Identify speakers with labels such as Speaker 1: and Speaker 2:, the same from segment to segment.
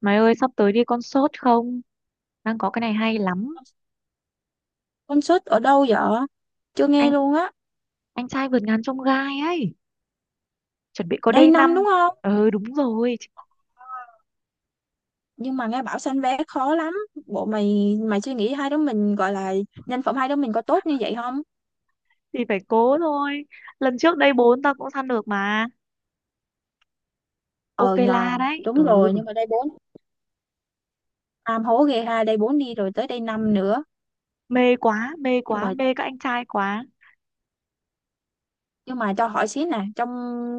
Speaker 1: Mày ơi sắp tới đi concert không? Đang có cái này hay lắm.
Speaker 2: Concert ở đâu vậy? Chưa nghe
Speaker 1: Anh
Speaker 2: luôn á.
Speaker 1: anh trai vượt ngàn chông gai ấy, chuẩn bị có
Speaker 2: Đây
Speaker 1: đây năm.
Speaker 2: năm đúng không?
Speaker 1: Ừ, đúng rồi,
Speaker 2: Nhưng mà nghe bảo sanh vé khó lắm. Bộ mày mày suy nghĩ, hai đứa mình gọi là nhân phẩm hai đứa mình có tốt như vậy không?
Speaker 1: thì phải cố thôi. Lần trước đây 4 tao cũng săn được mà. Ok la đấy. Ừ,
Speaker 2: Đúng rồi, nhưng mà đây bốn. Nam hố ghê ha, đây bốn đi rồi tới đây năm nữa.
Speaker 1: mê quá, mê
Speaker 2: Nhưng
Speaker 1: quá,
Speaker 2: mà
Speaker 1: mê các anh trai quá.
Speaker 2: nhưng mà cho hỏi xíu nè, trong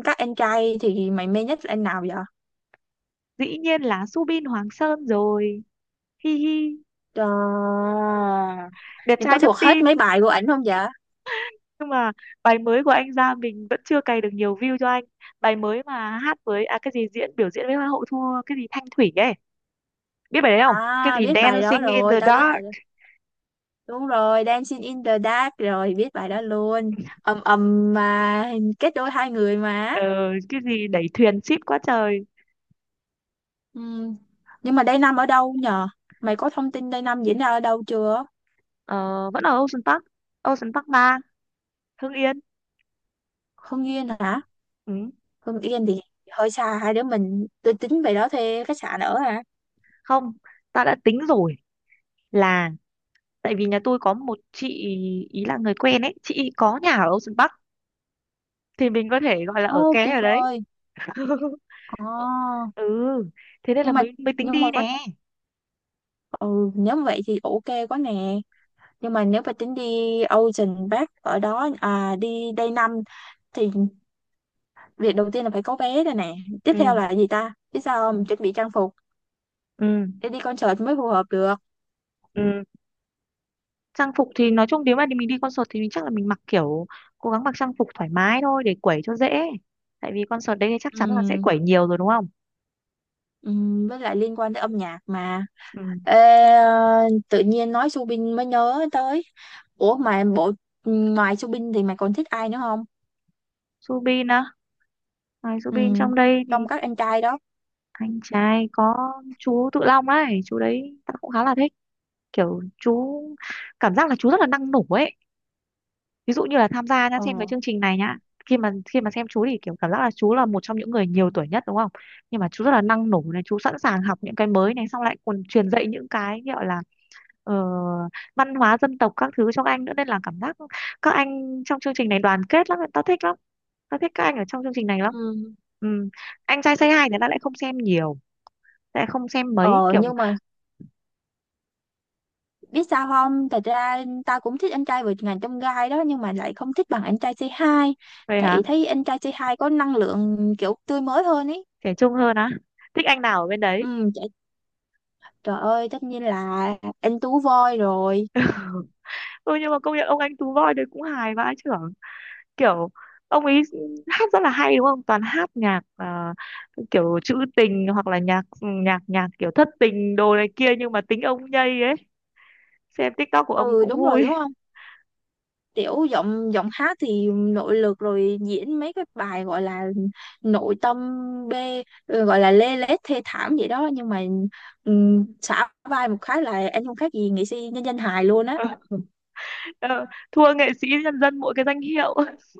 Speaker 2: các anh trai thì mày mê nhất là anh nào vậy?
Speaker 1: Dĩ nhiên là Subin Hoàng Sơn rồi. Hi hi,
Speaker 2: Trời,
Speaker 1: đẹp
Speaker 2: em có
Speaker 1: trai nhất
Speaker 2: thuộc
Speaker 1: team.
Speaker 2: hết mấy bài của ảnh không vậy?
Speaker 1: Nhưng mà bài mới của anh ra mình vẫn chưa cày được nhiều view cho anh. Bài mới mà hát với cái gì diễn biểu diễn với Hoa hậu thua cái gì Thanh Thủy ấy, biết bài đấy không, cái
Speaker 2: À,
Speaker 1: gì
Speaker 2: biết bài đó
Speaker 1: Dancing in
Speaker 2: rồi,
Speaker 1: the
Speaker 2: tao biết
Speaker 1: Dark.
Speaker 2: đúng rồi, Dancing in the Dark rồi, biết bài đó luôn. Ầm ầm mà kết đôi hai người mà.
Speaker 1: ờ, cái gì đẩy thuyền ship quá trời.
Speaker 2: Ừm. Nhưng mà Day Năm ở đâu nhờ? Mày có thông tin Day Năm diễn ra ở đâu chưa?
Speaker 1: ờ, Vẫn ở Ocean Park, Ocean Park 3, Hưng Yên.
Speaker 2: Hưng Yên hả?
Speaker 1: Ừ.
Speaker 2: Hưng Yên thì hơi xa hai đứa mình. Tôi tính về đó thuê khách sạn ở hả?
Speaker 1: Không, ta đã tính rồi, là tại vì nhà tôi có một chị ý, là người quen ấy, chị ý có nhà ở Ocean Park thì mình có thể gọi là ở
Speaker 2: Ô,
Speaker 1: ké
Speaker 2: tuyệt
Speaker 1: ở đấy.
Speaker 2: vời. Ồ,
Speaker 1: Ừ, thế nên là
Speaker 2: nhưng mà
Speaker 1: mới mới tính
Speaker 2: nhưng mà
Speaker 1: đi
Speaker 2: có
Speaker 1: nè.
Speaker 2: ừ, nếu vậy thì ok quá nè. Nhưng mà nếu mà tính đi Ocean Park ở đó, à, đi Day Năm thì việc đầu tiên là phải có vé đây nè, tiếp
Speaker 1: Ừ,
Speaker 2: theo là gì ta biết sao không, chuẩn bị trang phục
Speaker 1: ừ,
Speaker 2: để đi concert mới phù hợp được.
Speaker 1: ừ, trang phục thì nói chung nếu mà mình đi concert thì mình chắc là mình mặc kiểu cố gắng mặc trang phục thoải mái thôi để quẩy cho dễ, tại vì concert đấy thì chắc chắn là sẽ
Speaker 2: Ừm,
Speaker 1: quẩy nhiều rồi đúng không.
Speaker 2: với lại liên quan tới âm nhạc mà.
Speaker 1: Ừ.
Speaker 2: Ê, ờ, tự nhiên nói Subin mới nhớ tới, ủa mà bộ ngoài Subin thì mày còn thích ai nữa không?
Speaker 1: Subin á, ngoài Subin
Speaker 2: Ừm,
Speaker 1: trong đây
Speaker 2: trong
Speaker 1: thì
Speaker 2: các anh trai đó.
Speaker 1: anh trai có chú Tự Long ấy, chú đấy ta cũng khá là thích, kiểu chú, cảm giác là chú rất là năng nổ ấy, ví dụ như là tham gia nhá,
Speaker 2: Ờ.
Speaker 1: xem cái chương trình này nhá, khi mà xem chú thì kiểu cảm giác là chú là một trong những người nhiều tuổi nhất đúng không, nhưng mà chú rất là năng nổ này, chú sẵn sàng học những cái mới này, xong lại còn truyền dạy những cái gọi là ờ, văn hóa dân tộc các thứ cho các anh nữa, nên là cảm giác các anh trong chương trình này đoàn kết lắm, tao thích lắm, tao thích các anh ở trong chương trình này lắm.
Speaker 2: Ừ.
Speaker 1: Ừ. Anh trai Say Hi thì tao lại không xem nhiều, tao lại không xem mấy
Speaker 2: Ờ
Speaker 1: kiểu.
Speaker 2: nhưng mà biết sao không, thật ra ta cũng thích anh trai vượt ngàn chông gai đó, nhưng mà lại không thích bằng anh trai c hai.
Speaker 1: Vậy
Speaker 2: Tại
Speaker 1: hả?
Speaker 2: thấy anh trai c hai có năng lượng kiểu tươi mới hơn ý.
Speaker 1: Trẻ trung hơn á, thích anh nào ở bên đấy?
Speaker 2: Ừ, trời, trời ơi, tất nhiên là anh Tú Voi rồi.
Speaker 1: Ừ, nhưng mà công nhận ông anh Tú Voi đấy cũng hài vãi chưởng, kiểu ông ấy hát rất là hay đúng không, toàn hát nhạc kiểu trữ tình hoặc là nhạc nhạc nhạc kiểu thất tình đồ này kia nhưng mà tính ông nhây ấy, xem TikTok của ông
Speaker 2: Ừ
Speaker 1: cũng
Speaker 2: đúng rồi, đúng
Speaker 1: vui.
Speaker 2: không, tiểu giọng giọng hát thì nội lực rồi, diễn mấy cái bài gọi là nội tâm, bê, gọi là lê lết thê thảm vậy đó, nhưng mà xả vai một cái là anh không khác gì nghệ sĩ nhân dân hài luôn á.
Speaker 1: Ờ, thua nghệ sĩ nhân dân mỗi cái danh hiệu.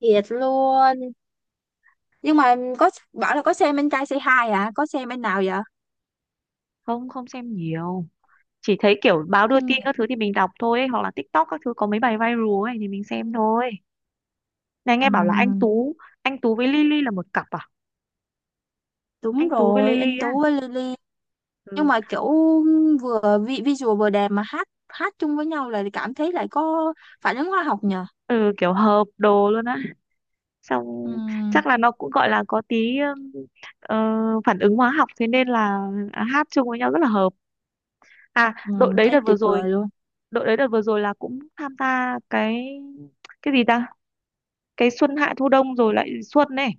Speaker 2: Thiệt luôn. Nhưng mà có bảo là có xem anh trai Say Hi à, có xem anh nào vậy?
Speaker 1: Không, không xem nhiều, chỉ thấy kiểu báo đưa
Speaker 2: Xem
Speaker 1: tin
Speaker 2: nhạc.
Speaker 1: các thứ thì mình đọc thôi ấy, hoặc là TikTok các thứ có mấy bài viral ấy thì mình xem thôi. Này
Speaker 2: Ừ,
Speaker 1: nghe bảo là anh Tú, anh Tú với Lily là một cặp à?
Speaker 2: đúng
Speaker 1: Anh Tú với
Speaker 2: rồi,
Speaker 1: Lily
Speaker 2: anh
Speaker 1: á?
Speaker 2: Tú với Lily. Nhưng
Speaker 1: Ừ.
Speaker 2: mà kiểu vừa visual vừa đẹp mà hát hát chung với nhau là cảm thấy lại có phản ứng hóa học nhờ.
Speaker 1: Ừ, kiểu hợp đồ luôn á, xong chắc
Speaker 2: Ừm,
Speaker 1: là nó cũng gọi là có tí ờ, phản ứng hóa học, thế nên là hát chung với nhau rất là hợp. À, đội đấy
Speaker 2: thấy
Speaker 1: đợt vừa
Speaker 2: tuyệt
Speaker 1: rồi,
Speaker 2: vời luôn.
Speaker 1: đội đấy đợt vừa rồi là cũng tham gia cái gì ta, cái xuân hạ thu đông rồi lại xuân này,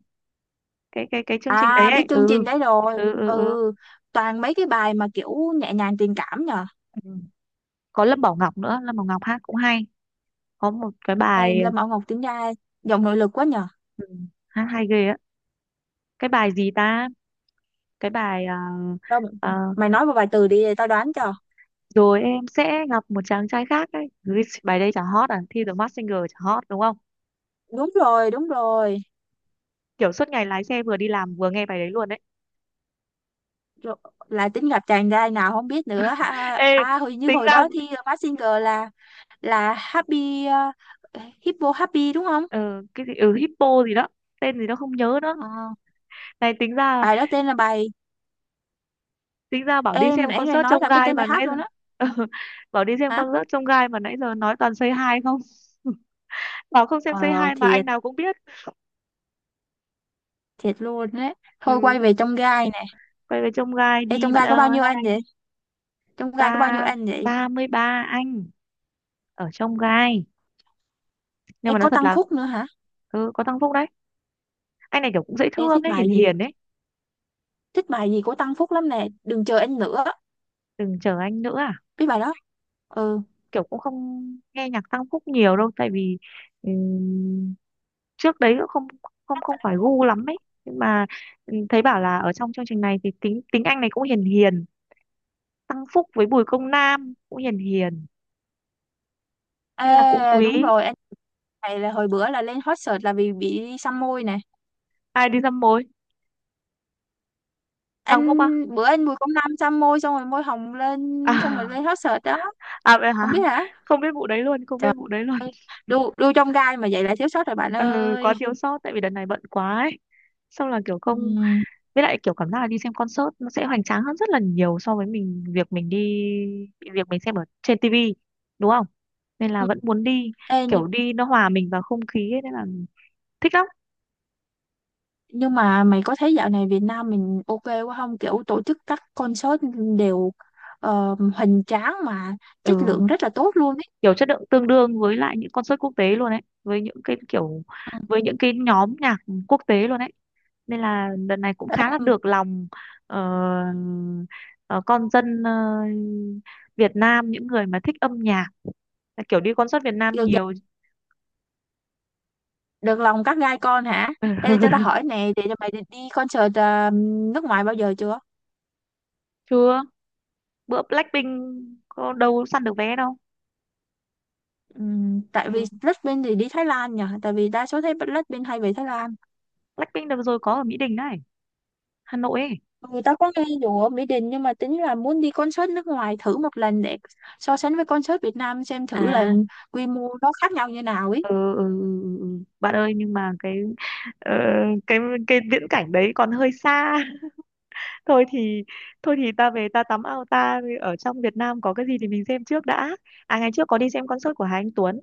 Speaker 1: cái chương trình đấy
Speaker 2: À
Speaker 1: ấy.
Speaker 2: biết chương trình
Speaker 1: Ừ,
Speaker 2: đấy rồi.
Speaker 1: ừ, ừ, ừ.
Speaker 2: Ừ, toàn mấy cái bài mà kiểu nhẹ nhàng tình cảm nhờ.
Speaker 1: ừ. Có Lâm Bảo Ngọc nữa, Lâm Bảo Ngọc hát cũng hay, có một cái
Speaker 2: Ê,
Speaker 1: bài,
Speaker 2: Lâm Bảo Ngọc tính ra giọng nội lực quá nhờ.
Speaker 1: ừ, hát hay ghê á, cái bài gì ta, cái bài
Speaker 2: Đâu,
Speaker 1: ờ,
Speaker 2: mày nói một vài từ đi tao đoán cho.
Speaker 1: rồi em sẽ gặp một chàng trai khác ấy. Ui, bài đây chả hot à, thi The Masked Singer chả hot đúng không,
Speaker 2: Đúng rồi, đúng rồi,
Speaker 1: kiểu suốt ngày lái xe vừa đi làm vừa nghe bài đấy luôn đấy.
Speaker 2: rồi là tính gặp chàng trai nào không biết nữa ha.
Speaker 1: Ê,
Speaker 2: À hồi như
Speaker 1: tính
Speaker 2: hồi
Speaker 1: ra
Speaker 2: đó thi Mask Singer là Happy, Hippo Happy đúng không?
Speaker 1: ờ, cái gì, ừ, Hippo gì đó, tên gì đó không nhớ nữa.
Speaker 2: Ờ,
Speaker 1: Này tính ra,
Speaker 2: bài đó tên là bài
Speaker 1: tính ra bảo đi
Speaker 2: em
Speaker 1: xem
Speaker 2: nãy này
Speaker 1: concert
Speaker 2: nói
Speaker 1: trông
Speaker 2: là cái
Speaker 1: gai
Speaker 2: tên bài
Speaker 1: mà
Speaker 2: hát
Speaker 1: nãy giờ.
Speaker 2: luôn á.
Speaker 1: Bảo đi xem
Speaker 2: Hả?
Speaker 1: concert trông gai mà nãy giờ nói toàn Say Hi không. Bảo không xem Say
Speaker 2: Ờ
Speaker 1: Hi mà anh
Speaker 2: thiệt,
Speaker 1: nào cũng biết.
Speaker 2: thiệt luôn đấy. Thôi
Speaker 1: Ừ,
Speaker 2: quay về trong gai nè.
Speaker 1: quay về trông gai
Speaker 2: Ê,
Speaker 1: đi
Speaker 2: trong
Speaker 1: bạn
Speaker 2: gai có bao
Speaker 1: ơi.
Speaker 2: nhiêu anh vậy? Trong gai có bao nhiêu
Speaker 1: Ba
Speaker 2: anh vậy?
Speaker 1: ba mươi ba anh ở trông gai, nhưng
Speaker 2: Ê,
Speaker 1: mà nói
Speaker 2: có
Speaker 1: thật
Speaker 2: Tăng
Speaker 1: là
Speaker 2: Phúc nữa hả?
Speaker 1: ừ, có thăng Phúc đấy, anh này kiểu cũng dễ
Speaker 2: Ê,
Speaker 1: thương
Speaker 2: thích
Speaker 1: ấy, hiền
Speaker 2: bài gì,
Speaker 1: hiền ấy.
Speaker 2: thích bài gì của Tăng Phúc lắm nè, đừng chờ anh nữa.
Speaker 1: Đừng chờ anh nữa à?
Speaker 2: Biết bài đó. Ừ.
Speaker 1: Kiểu cũng không nghe nhạc Tăng Phúc nhiều đâu, tại vì ừ, trước đấy cũng không, không không phải gu lắm ấy, nhưng mà ừ, thấy bảo là ở trong chương trình này thì tính tính anh này cũng hiền hiền, Tăng Phúc với Bùi Công Nam cũng hiền hiền nên là cũng
Speaker 2: Ê,
Speaker 1: quý.
Speaker 2: đúng rồi, anh này là hồi bữa là lên hot search là vì bị xăm môi nè.
Speaker 1: Ai đi dăm mối?
Speaker 2: Anh
Speaker 1: Tăng Phúc á?
Speaker 2: bữa anh Bùi Công Nam xăm môi xong rồi môi hồng lên, xong rồi
Speaker 1: À,
Speaker 2: lên hot search đó.
Speaker 1: à vậy hả,
Speaker 2: Không biết hả?
Speaker 1: không biết vụ đấy luôn, không biết
Speaker 2: Trời,
Speaker 1: vụ đấy luôn.
Speaker 2: đu đu trong gai mà vậy là thiếu sót rồi bạn
Speaker 1: Ừ, quá
Speaker 2: ơi.
Speaker 1: thiếu sót tại vì đợt này bận quá ấy, xong là kiểu không,
Speaker 2: Ừm.
Speaker 1: với lại kiểu cảm giác là đi xem concert nó sẽ hoành tráng hơn rất là nhiều so với mình, việc mình xem ở trên tivi đúng không, nên là
Speaker 2: Ừ.
Speaker 1: vẫn muốn đi,
Speaker 2: Ê,
Speaker 1: kiểu đi nó hòa mình vào không khí ấy, nên là thích lắm.
Speaker 2: nhưng mà mày có thấy dạo này Việt Nam mình ok quá không? Kiểu tổ chức các concert đều ờ, hoành tráng mà chất
Speaker 1: Ừ,
Speaker 2: lượng rất là tốt luôn ấy.
Speaker 1: kiểu chất lượng tương đương với lại những concert quốc tế luôn ấy, với những cái kiểu,
Speaker 2: Ừ.
Speaker 1: với những cái nhóm nhạc quốc tế luôn ấy, nên là lần này cũng khá là
Speaker 2: Ừ.
Speaker 1: được lòng ờ, ờ, con dân Việt Nam, những người mà thích âm nhạc, kiểu đi concert Việt Nam
Speaker 2: Được,
Speaker 1: nhiều.
Speaker 2: được lòng các gai con hả? Ê, cho tao hỏi nè, để mày đi đi concert ờ, nước ngoài bao giờ chưa?
Speaker 1: Chưa, bữa Blackpink có đâu săn được vé đâu.
Speaker 2: Tại
Speaker 1: Ừ.
Speaker 2: vì Blackpink thì đi Thái Lan nhỉ? Tại vì đa số thấy Blackpink hay về Thái Lan.
Speaker 1: Blackpink đợt vừa rồi có ở Mỹ Đình này, Hà Nội ấy.
Speaker 2: Người ta có nghe dù ở Mỹ Đình nhưng mà tính là muốn đi concert nước ngoài thử một lần để so sánh với concert Việt Nam xem thử là
Speaker 1: À,
Speaker 2: quy mô nó khác nhau như nào ấy.
Speaker 1: ừ, ừ, ừ, ừ. Ừ. Bạn ơi nhưng mà cái ờ, cái cái viễn cảnh đấy còn hơi xa. Thôi thì, thôi thì ta về ta tắm ao ta, ở trong Việt Nam có cái gì thì mình xem trước đã. À, ngày trước có đi xem concert của Hà Anh Tuấn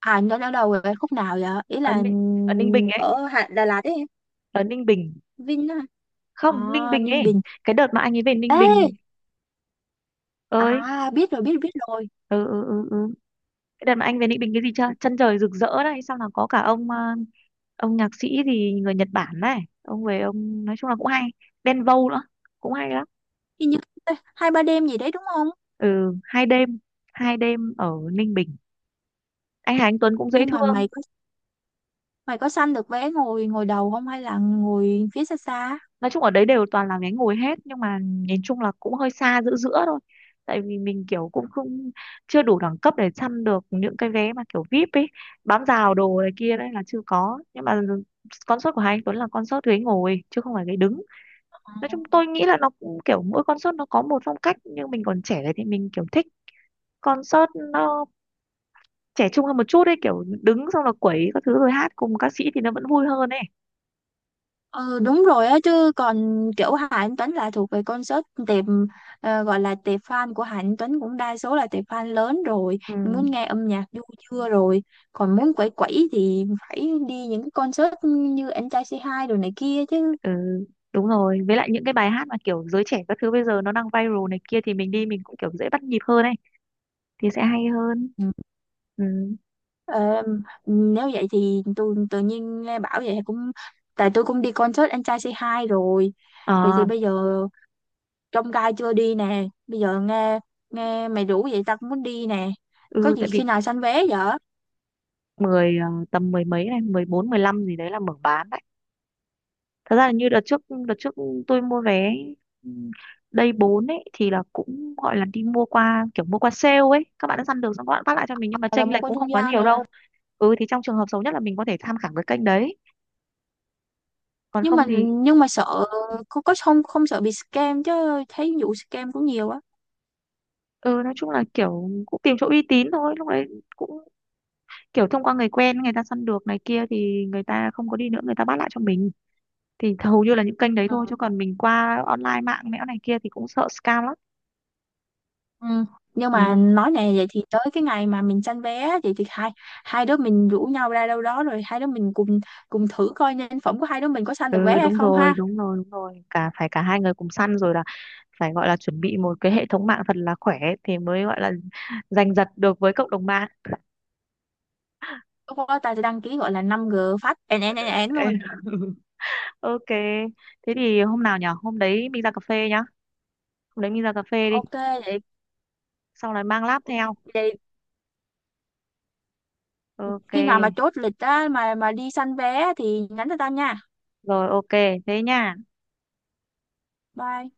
Speaker 2: À nó ở đâu vậy? Khúc nào vậy? Ý
Speaker 1: ở
Speaker 2: là
Speaker 1: Ninh, ở Ninh Bình ấy,
Speaker 2: ở Đà Lạt ấy, em.
Speaker 1: ở Ninh Bình,
Speaker 2: Vin á.
Speaker 1: không, Ninh
Speaker 2: À,
Speaker 1: Bình
Speaker 2: Ninh
Speaker 1: ấy,
Speaker 2: Bình.
Speaker 1: cái đợt mà anh ấy về Ninh
Speaker 2: Ê,
Speaker 1: Bình ơi.
Speaker 2: à biết rồi, biết biết rồi.
Speaker 1: Ừ, ừ, ừ, ừ. Cái đợt mà anh về Ninh Bình cái gì chưa? Chân trời rực rỡ này, xong là có cả ông ông nhạc sĩ gì người Nhật Bản này, ông về ông nói chung là cũng hay. Đen Vâu nữa, cũng hay lắm.
Speaker 2: Hình như 2-3 đêm gì đấy đúng không?
Speaker 1: Ừ, 2 đêm, hai đêm ở Ninh Bình. Anh Hà Anh Tuấn cũng dễ
Speaker 2: Nhưng mà
Speaker 1: thương.
Speaker 2: mày có săn được vé ngồi, đầu không hay là ngồi phía xa xa?
Speaker 1: Nói chung ở đấy đều toàn là ghé ngồi hết nhưng mà nhìn chung là cũng hơi xa, giữa giữa thôi. Tại vì mình kiểu cũng không, chưa đủ đẳng cấp để săn được những cái vé mà kiểu VIP ấy, bám rào đồ này kia đấy là chưa có. Nhưng mà concert của Hà Anh Tuấn là concert ghế ngồi chứ không phải ghế đứng,
Speaker 2: Ờ.
Speaker 1: nói chung tôi nghĩ là nó cũng kiểu mỗi concert nó có một phong cách, nhưng mình còn trẻ này thì mình kiểu thích concert nó trẻ trung hơn một chút ấy, kiểu đứng xong là quẩy các thứ rồi hát cùng ca sĩ thì nó vẫn vui hơn ấy.
Speaker 2: Ừ, đúng rồi á, chứ còn kiểu Hà Anh Tuấn là thuộc về concert tệp, ờ, gọi là tệp fan của Hà Anh Tuấn cũng đa số là tệp fan lớn rồi,
Speaker 1: Ừ.
Speaker 2: muốn nghe âm nhạc du chưa rồi, còn muốn quẩy quẩy thì phải đi những cái concert như anh trai c hai rồi này kia chứ.
Speaker 1: Ừ, đúng rồi, với lại những cái bài hát mà kiểu giới trẻ các thứ bây giờ nó đang viral này kia thì mình đi mình cũng kiểu dễ bắt nhịp hơn ấy, thì sẽ hay hơn.
Speaker 2: Ừ.
Speaker 1: Ừ.
Speaker 2: Ờ, nếu vậy thì tôi tự nhiên nghe bảo vậy cũng, tại tôi cũng đi concert anh trai c hai rồi, vậy thì
Speaker 1: Ờ,
Speaker 2: bây giờ trong gai chưa đi nè, bây giờ nghe nghe mày rủ vậy tao cũng muốn đi nè. Có
Speaker 1: ừ, tại
Speaker 2: gì khi
Speaker 1: vì
Speaker 2: nào sanh vé vậy?
Speaker 1: mười tầm mười mấy này, 14 15 gì đấy là mở bán, thật ra là như đợt trước, đợt trước tôi mua vé ừ, đây 4 ấy thì là cũng gọi là đi mua qua kiểu mua qua sale ấy, các bạn đã săn được xong các bạn phát lại cho mình nhưng mà
Speaker 2: Là
Speaker 1: chênh
Speaker 2: mua
Speaker 1: lệch
Speaker 2: qua
Speaker 1: cũng
Speaker 2: trung
Speaker 1: không quá
Speaker 2: gian
Speaker 1: nhiều
Speaker 2: nè,
Speaker 1: đâu. Ừ, thì trong trường hợp xấu nhất là mình có thể tham khảo cái kênh đấy, còn
Speaker 2: nhưng
Speaker 1: không
Speaker 2: mà
Speaker 1: thì
Speaker 2: nhưng mà sợ, có không không, sợ bị scam chứ, thấy vụ scam cũng nhiều á.
Speaker 1: ừ, nói chung là kiểu cũng tìm chỗ uy tín thôi lúc đấy, cũng kiểu thông qua người quen, người ta săn được này kia thì người ta không có đi nữa, người ta bắt lại cho mình thì hầu như là những kênh đấy
Speaker 2: Ừ.
Speaker 1: thôi, chứ còn mình qua online mạng mẽo này kia thì cũng sợ scam lắm.
Speaker 2: Ừ. Nhưng
Speaker 1: Ừ.
Speaker 2: mà nói nè, vậy thì tới cái ngày mà mình sanh vé vậy thì hai hai đứa mình rủ nhau ra đâu đó rồi hai đứa mình cùng cùng thử coi nhân phẩm của hai đứa mình có sanh được vé
Speaker 1: Ừ,
Speaker 2: hay
Speaker 1: đúng
Speaker 2: không
Speaker 1: rồi,
Speaker 2: ha.
Speaker 1: đúng rồi, đúng rồi. Phải cả hai người cùng săn rồi là phải gọi là chuẩn bị một cái hệ thống mạng thật là khỏe thì mới gọi là giành giật được với cộng đồng mạng.
Speaker 2: Lúc đó ta sẽ đăng ký gọi là 5G, phát én én én én
Speaker 1: Ê,
Speaker 2: luôn.
Speaker 1: ok. Thế thì hôm nào nhở? Hôm đấy mình ra cà phê nhá. Hôm đấy mình ra cà phê đi.
Speaker 2: Ok, vậy
Speaker 1: Xong rồi mang láp theo.
Speaker 2: vậy
Speaker 1: Ok.
Speaker 2: khi nào mà chốt lịch á mà đi săn vé thì nhắn cho tao nha.
Speaker 1: Rồi ok, thế nha.
Speaker 2: Bye.